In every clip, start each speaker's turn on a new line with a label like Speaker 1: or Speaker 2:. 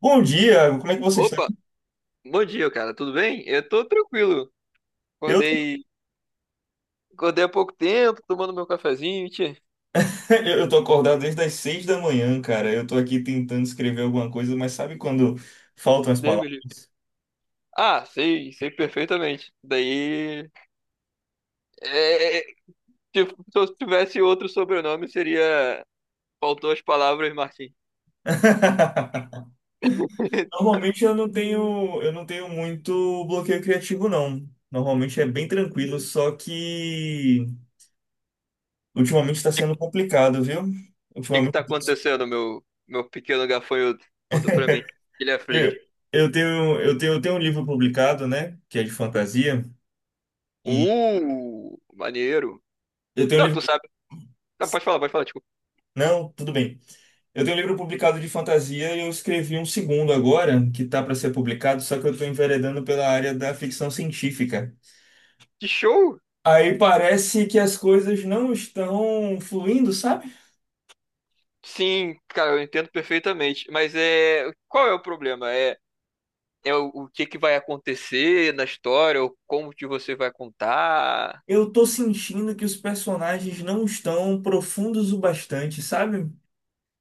Speaker 1: Bom dia, como é que você está?
Speaker 2: Opa, bom dia, cara. Tudo bem? Eu tô tranquilo.
Speaker 1: Eu, tô-
Speaker 2: Acordei, acordei há pouco tempo, tomando meu cafezinho, tchê.
Speaker 1: eu tô acordado desde as seis da manhã, cara. Eu tô aqui tentando escrever alguma coisa, mas sabe quando faltam as
Speaker 2: Deus me livre.
Speaker 1: palavras?
Speaker 2: Ah, sei, sei perfeitamente. Daí, é, é, tipo, se eu tivesse outro sobrenome, seria... Faltou as palavras, Martim.
Speaker 1: Normalmente eu não tenho muito bloqueio criativo, não. Normalmente é bem tranquilo, só que ultimamente está sendo complicado, viu?
Speaker 2: O que que
Speaker 1: Ultimamente
Speaker 2: tá acontecendo, meu pequeno gafanhoto? Conta pra mim. Ele
Speaker 1: eu,
Speaker 2: aflige.
Speaker 1: eu tenho um livro publicado, né? Que é de fantasia, e
Speaker 2: Maneiro.
Speaker 1: eu tenho um
Speaker 2: Não, tu
Speaker 1: livro.
Speaker 2: sabe. Não, pode falar, pode falar. Tipo,
Speaker 1: Não, tudo bem. Eu tenho um livro publicado de fantasia e eu escrevi um segundo agora, que tá para ser publicado, só que eu estou enveredando pela área da ficção científica.
Speaker 2: que show?
Speaker 1: Aí parece que as coisas não estão fluindo, sabe?
Speaker 2: Sim, cara, eu entendo perfeitamente. Mas é. Qual é o problema? É, é o que que vai acontecer na história, ou como que você vai contar.
Speaker 1: Eu tô sentindo que os personagens não estão profundos o bastante, sabe?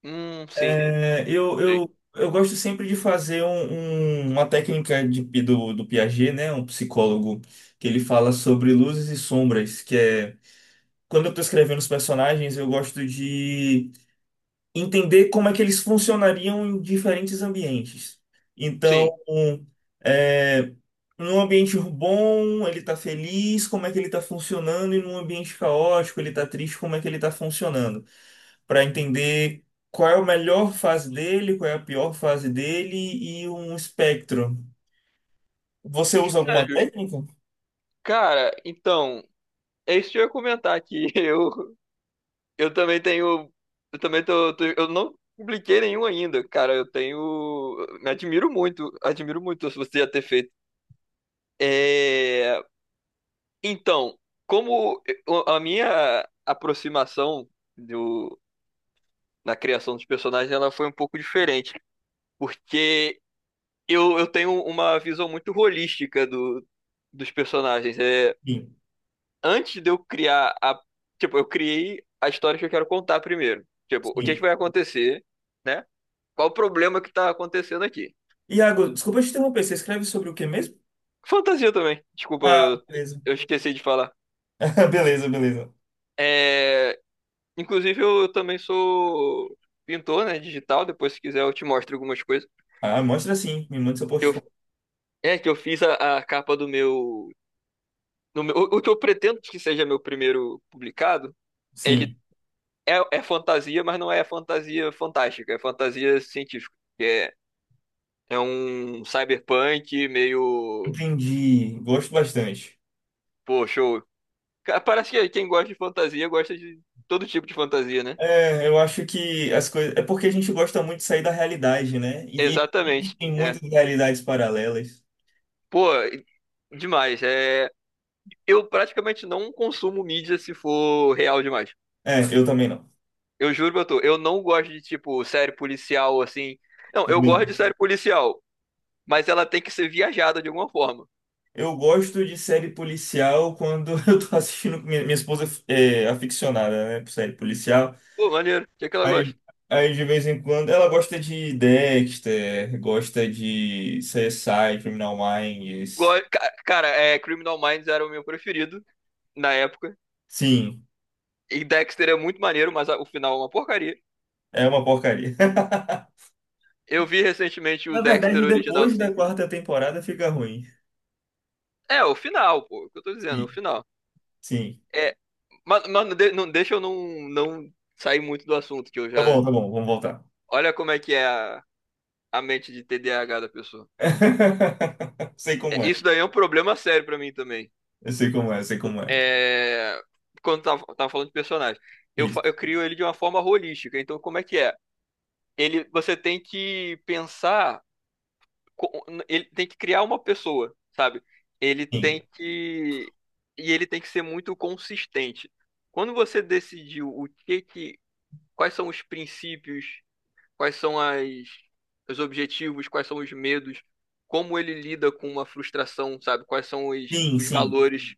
Speaker 2: Sim.
Speaker 1: É, eu,
Speaker 2: Sim,
Speaker 1: eu, eu gosto sempre de fazer uma técnica do Piaget, né? Um psicólogo, que ele fala sobre luzes e sombras, que é. Quando eu tô escrevendo os personagens, eu gosto de entender como é que eles funcionariam em diferentes ambientes. Então,
Speaker 2: sim.
Speaker 1: é, num ambiente bom, ele está feliz, como é que ele está funcionando, e num ambiente caótico, ele está triste, como é que ele está funcionando, para entender qual é a melhor fase dele, qual é a pior fase dele e um espectro. Você usa
Speaker 2: É
Speaker 1: alguma
Speaker 2: justo.
Speaker 1: técnica?
Speaker 2: Cara, então, é isso que eu ia comentar aqui. Eu também tenho. Eu também Eu não publiquei nenhum ainda, cara. Eu tenho. Me admiro muito. Admiro muito se você já ter feito. É, então, como a minha aproximação do, na criação dos personagens ela foi um pouco diferente. Porque eu tenho uma visão muito holística dos personagens. É,
Speaker 1: Sim,
Speaker 2: antes de eu criar a. Tipo, eu criei a história que eu quero contar primeiro. Tipo, o que, é
Speaker 1: sim.
Speaker 2: que vai acontecer, né? Qual o problema que tá acontecendo aqui?
Speaker 1: Iago, desculpa te interromper, você escreve sobre o que mesmo?
Speaker 2: Fantasia também. Desculpa,
Speaker 1: Ah, beleza.
Speaker 2: eu esqueci de falar.
Speaker 1: Beleza, beleza.
Speaker 2: É, inclusive, eu também sou pintor, né? Digital. Depois, se quiser, eu te mostro algumas coisas.
Speaker 1: Ah, mostra sim, me manda seu
Speaker 2: Que Eu,
Speaker 1: portfólio.
Speaker 2: é que eu fiz a capa do meu. O o que eu pretendo que seja meu primeiro publicado, ele
Speaker 1: Sim.
Speaker 2: é fantasia, mas não é fantasia fantástica, é fantasia científica. Que é, é um cyberpunk meio.
Speaker 1: Entendi, gosto bastante.
Speaker 2: Pô, show. Cara, parece que quem gosta de fantasia gosta de todo tipo de fantasia, né?
Speaker 1: É, eu acho que as coisas. É porque a gente gosta muito de sair da realidade, né? E
Speaker 2: Exatamente.
Speaker 1: existem
Speaker 2: É.
Speaker 1: muitas realidades paralelas.
Speaker 2: Pô, demais. É, eu praticamente não consumo mídia se for real demais.
Speaker 1: É, eu também não.
Speaker 2: Eu juro pra tu, eu não gosto de tipo série policial assim. Não, eu
Speaker 1: Também não.
Speaker 2: gosto de série policial, mas ela tem que ser viajada de alguma forma.
Speaker 1: Eu gosto de série policial quando eu tô assistindo. Minha esposa é aficionada, né, por série policial.
Speaker 2: Pô, maneiro. O que é que ela
Speaker 1: Aí,
Speaker 2: gosta?
Speaker 1: aí de vez em quando. Ela gosta de Dexter, gosta de CSI, Criminal Minds.
Speaker 2: Cara, é, Criminal Minds era o meu preferido na época.
Speaker 1: Sim,
Speaker 2: E Dexter é muito maneiro, mas o final é uma porcaria.
Speaker 1: é uma porcaria.
Speaker 2: Eu vi recentemente o
Speaker 1: Na
Speaker 2: Dexter
Speaker 1: verdade,
Speaker 2: original,
Speaker 1: depois da
Speaker 2: sim.
Speaker 1: quarta temporada fica ruim.
Speaker 2: É, o final, pô, o que eu tô dizendo, o
Speaker 1: Sim,
Speaker 2: final.
Speaker 1: sim.
Speaker 2: É, mano, não, deixa eu não, não sair muito do assunto, que eu já.
Speaker 1: Tá bom, vamos voltar.
Speaker 2: Olha como é que é a mente de TDAH da pessoa.
Speaker 1: Sei como
Speaker 2: É,
Speaker 1: é,
Speaker 2: isso daí é um problema sério pra mim também.
Speaker 1: eu sei como é, eu sei como é.
Speaker 2: É, quando tava falando de personagem, eu
Speaker 1: Isso.
Speaker 2: crio ele de uma forma holística. Então, como é que é? Ele, você tem que pensar ele tem que criar uma pessoa, sabe? Ele
Speaker 1: Sim,
Speaker 2: tem que e ele tem que ser muito consistente. Quando você decidiu o que que quais são os princípios, quais são as os objetivos, quais são os medos, como ele lida com uma frustração, sabe? Quais são
Speaker 1: sim,
Speaker 2: os
Speaker 1: sim,
Speaker 2: valores,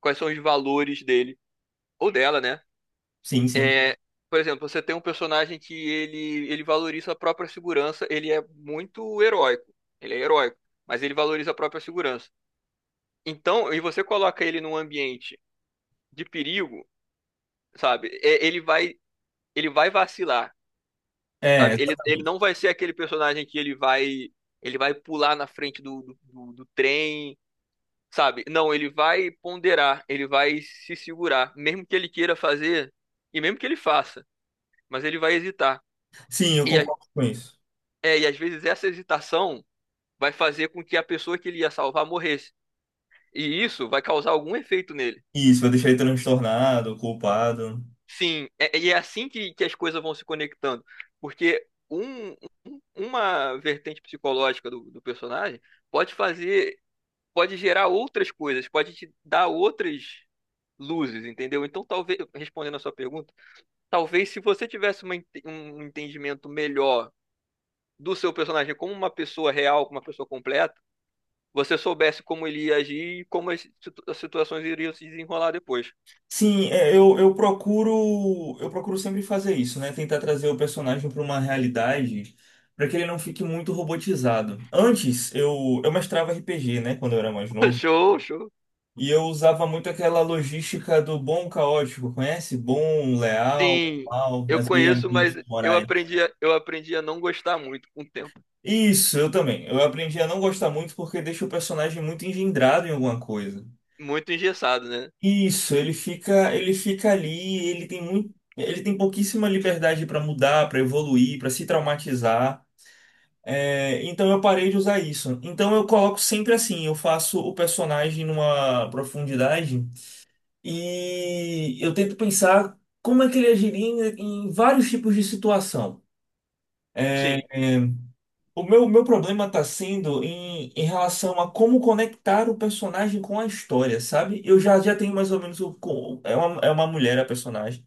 Speaker 2: quais são os valores dele ou dela, né?
Speaker 1: sim, sim.
Speaker 2: É, por exemplo, você tem um personagem que ele valoriza a própria segurança, ele é muito heróico. Ele é heróico, mas ele valoriza a própria segurança. Então, e você coloca ele num ambiente de perigo, sabe? É, ele vai vacilar,
Speaker 1: É,
Speaker 2: sabe? Ele
Speaker 1: exatamente.
Speaker 2: não vai ser aquele personagem que ele vai pular na frente do trem, sabe? Não, ele vai ponderar, ele vai se segurar, mesmo que ele queira fazer, e mesmo que ele faça, mas ele vai hesitar.
Speaker 1: Sim, eu
Speaker 2: E
Speaker 1: concordo com isso.
Speaker 2: é, e às vezes essa hesitação vai fazer com que a pessoa que ele ia salvar morresse. E isso vai causar algum efeito nele.
Speaker 1: Isso, vai deixar ele transtornado, culpado.
Speaker 2: Sim, e é assim que as coisas vão se conectando. Porque uma vertente psicológica do personagem pode fazer, pode gerar outras coisas, pode te dar outras luzes, entendeu? Então, talvez, respondendo a sua pergunta, talvez se você tivesse uma um entendimento melhor do seu personagem como uma pessoa real, como uma pessoa completa você soubesse como ele ia agir e como as as situações iriam se desenrolar depois.
Speaker 1: Sim, é, eu procuro sempre fazer isso, né? Tentar trazer o personagem para uma realidade para que ele não fique muito robotizado. Antes, eu mestrava RPG, né? Quando eu era mais novo.
Speaker 2: Show, show.
Speaker 1: E eu usava muito aquela logística do bom caótico, conhece? Bom, leal,
Speaker 2: Sim,
Speaker 1: mal,
Speaker 2: eu
Speaker 1: as
Speaker 2: conheço, mas
Speaker 1: alinhamentos morais.
Speaker 2: eu aprendi a não gostar muito com o tempo.
Speaker 1: Isso, eu também. Eu aprendi a não gostar muito porque deixa o personagem muito engendrado em alguma coisa.
Speaker 2: Muito engessado, né?
Speaker 1: Isso, ele fica ali, ele tem muito, ele tem pouquíssima liberdade para mudar, para evoluir, para se traumatizar. É, então eu parei de usar isso. Então eu coloco sempre assim, eu faço o personagem numa profundidade. E eu tento pensar como é que ele agiria em vários tipos de situação.
Speaker 2: Sim.
Speaker 1: É, é, o meu problema está sendo em relação a como conectar o personagem com a história, sabe? Já tenho mais ou menos é uma mulher a personagem.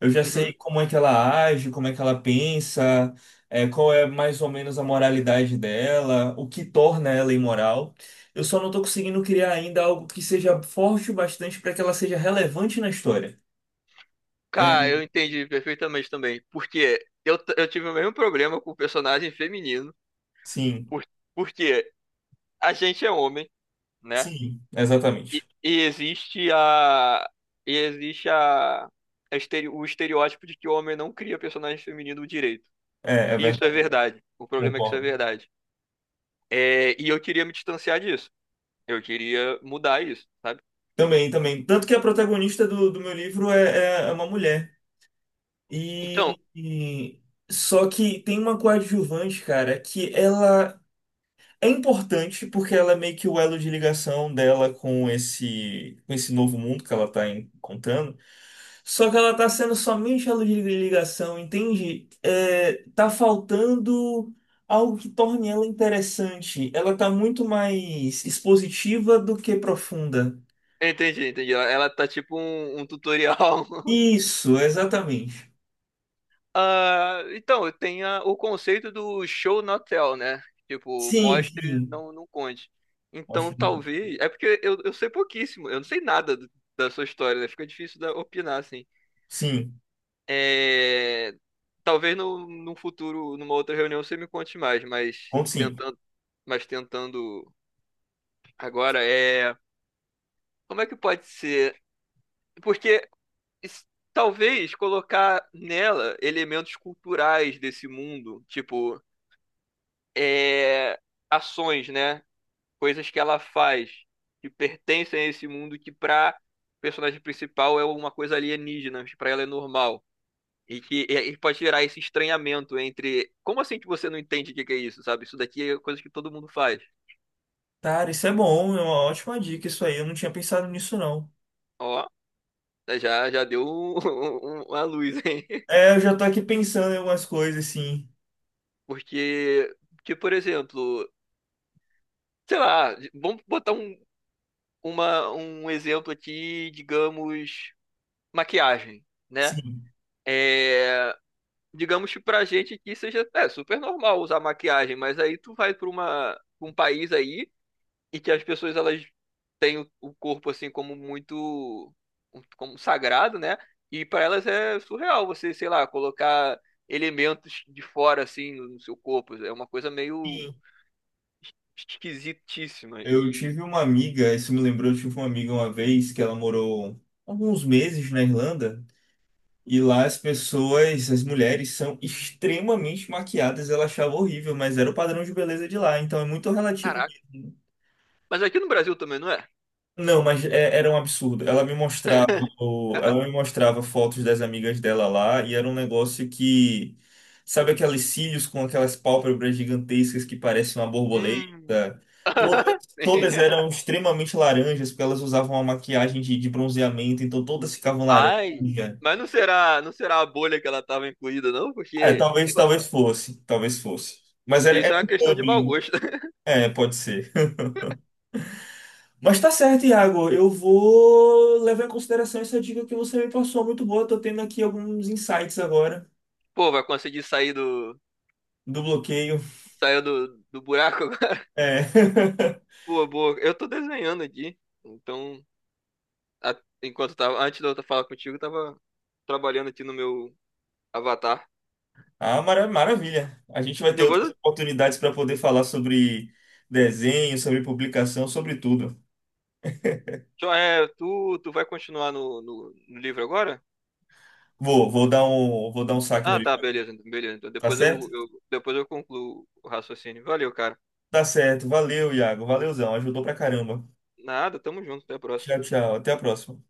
Speaker 1: Eu já sei
Speaker 2: Uhum.
Speaker 1: como é que ela age, como é que ela pensa, é, qual é mais ou menos a moralidade dela, o que torna ela imoral. Eu só não estou conseguindo criar ainda algo que seja forte o bastante para que ela seja relevante na história.
Speaker 2: Cara,
Speaker 1: É,
Speaker 2: eu entendi perfeitamente também. Porque eu, eu tive o mesmo problema com o personagem feminino.
Speaker 1: sim,
Speaker 2: Por, porque a gente é homem, né?
Speaker 1: sim, exatamente.
Speaker 2: E existe a. E existe a o estereótipo de que o homem não cria personagem feminino direito.
Speaker 1: É, é
Speaker 2: E isso é
Speaker 1: verdade,
Speaker 2: verdade. O problema é que isso é
Speaker 1: concordo.
Speaker 2: verdade. É, e eu queria me distanciar disso. Eu queria mudar isso, sabe?
Speaker 1: Também, também. Tanto que a protagonista do meu livro é uma mulher.
Speaker 2: Então,
Speaker 1: E, e- só que tem uma coadjuvante, cara, que ela é importante porque ela é meio que o elo de ligação dela com esse novo mundo que ela tá encontrando. Só que ela tá sendo somente a luz de ligação, entende? É, tá faltando algo que torne ela interessante. Ela tá muito mais expositiva do que profunda.
Speaker 2: entendi, entendi. Ela ela tá tipo um tutorial.
Speaker 1: Isso, exatamente.
Speaker 2: Ah, então, tem o conceito do show not tell, né? Tipo,
Speaker 1: Sim,
Speaker 2: mostre,
Speaker 1: sim.
Speaker 2: não, não conte. Então,
Speaker 1: Ótimo.
Speaker 2: talvez. É porque eu sei pouquíssimo. Eu não sei nada da sua história, né? Fica difícil da, opinar, assim.
Speaker 1: Sim,
Speaker 2: É, talvez no, num futuro, numa outra reunião, você me conte mais, mas
Speaker 1: ponto sim.
Speaker 2: tentando. Mas tentando agora, é. Como é que pode ser? Porque s- talvez colocar nela elementos culturais desse mundo, tipo, é... ações, né? Coisas que ela faz que pertencem a esse mundo que pra personagem principal é uma coisa alienígena, mas pra ela é normal. E que e pode gerar esse estranhamento entre. Como assim que você não entende o que que é isso, sabe? Isso daqui é coisa que todo mundo faz.
Speaker 1: Cara, isso é bom, é uma ótima dica isso aí. Eu não tinha pensado nisso, não.
Speaker 2: Ó, já, já deu uma luz, hein?
Speaker 1: É, eu já tô aqui pensando em algumas coisas, sim.
Speaker 2: Porque, que, por exemplo, sei lá, vamos botar um exemplo aqui, digamos, maquiagem, né?
Speaker 1: Sim.
Speaker 2: É, digamos que pra gente aqui seja é, super normal usar maquiagem, mas aí tu vai pra pra um país aí e que as pessoas elas têm o corpo assim como muito como sagrado, né? E pra elas é surreal você, sei lá, colocar elementos de fora assim no seu corpo, é uma coisa meio
Speaker 1: Sim.
Speaker 2: esquisitíssima.
Speaker 1: Eu
Speaker 2: E,
Speaker 1: tive uma amiga, isso me lembrou, eu tive uma amiga uma vez que ela morou alguns meses na Irlanda e lá as pessoas, as mulheres são extremamente maquiadas, ela achava horrível, mas era o padrão de beleza de lá, então é muito relativo.
Speaker 2: caraca. Mas aqui no Brasil também, não é?
Speaker 1: Não, mas era um absurdo. Ela me mostrava,
Speaker 2: Caraca.
Speaker 1: ela me mostrava fotos das amigas dela lá e era um negócio que, sabe aqueles cílios com aquelas pálpebras gigantescas que parecem uma
Speaker 2: Hum.
Speaker 1: borboleta? Todas, todas eram extremamente laranjas porque elas usavam uma maquiagem de bronzeamento, então todas ficavam laranja.
Speaker 2: Ai. Mas não será, não será a bolha que ela estava incluída, não?
Speaker 1: É,
Speaker 2: Porque, sei
Speaker 1: talvez,
Speaker 2: lá,
Speaker 1: talvez fosse, talvez fosse. Mas
Speaker 2: que
Speaker 1: era,
Speaker 2: isso
Speaker 1: era
Speaker 2: é uma
Speaker 1: um
Speaker 2: questão de mau
Speaker 1: Dublin.
Speaker 2: gosto.
Speaker 1: É, pode ser. Mas tá certo, Iago. Eu vou levar em consideração essa dica que você me passou, muito boa. Tô tendo aqui alguns insights agora
Speaker 2: Pô, vai conseguir sair do,
Speaker 1: do bloqueio.
Speaker 2: sair do buraco agora?
Speaker 1: É.
Speaker 2: Boa, boa. Eu tô desenhando aqui. Então, a- enquanto tava, antes de eu falar contigo, eu tava trabalhando aqui no meu avatar.
Speaker 1: Ah, maravilha. A gente vai ter
Speaker 2: Depois,
Speaker 1: outras oportunidades para poder falar sobre desenho, sobre publicação, sobre tudo.
Speaker 2: só, é, tu, tu vai continuar no livro agora?
Speaker 1: Vou, vou dar um saque no
Speaker 2: Ah,
Speaker 1: livro,
Speaker 2: tá, beleza. Então
Speaker 1: tá
Speaker 2: depois
Speaker 1: certo?
Speaker 2: eu, depois eu concluo o raciocínio. Valeu, cara.
Speaker 1: Tá certo. Valeu, Iago. Valeuzão. Ajudou pra caramba.
Speaker 2: Nada, tamo junto, até a próxima.
Speaker 1: Tchau, tchau. Até a próxima.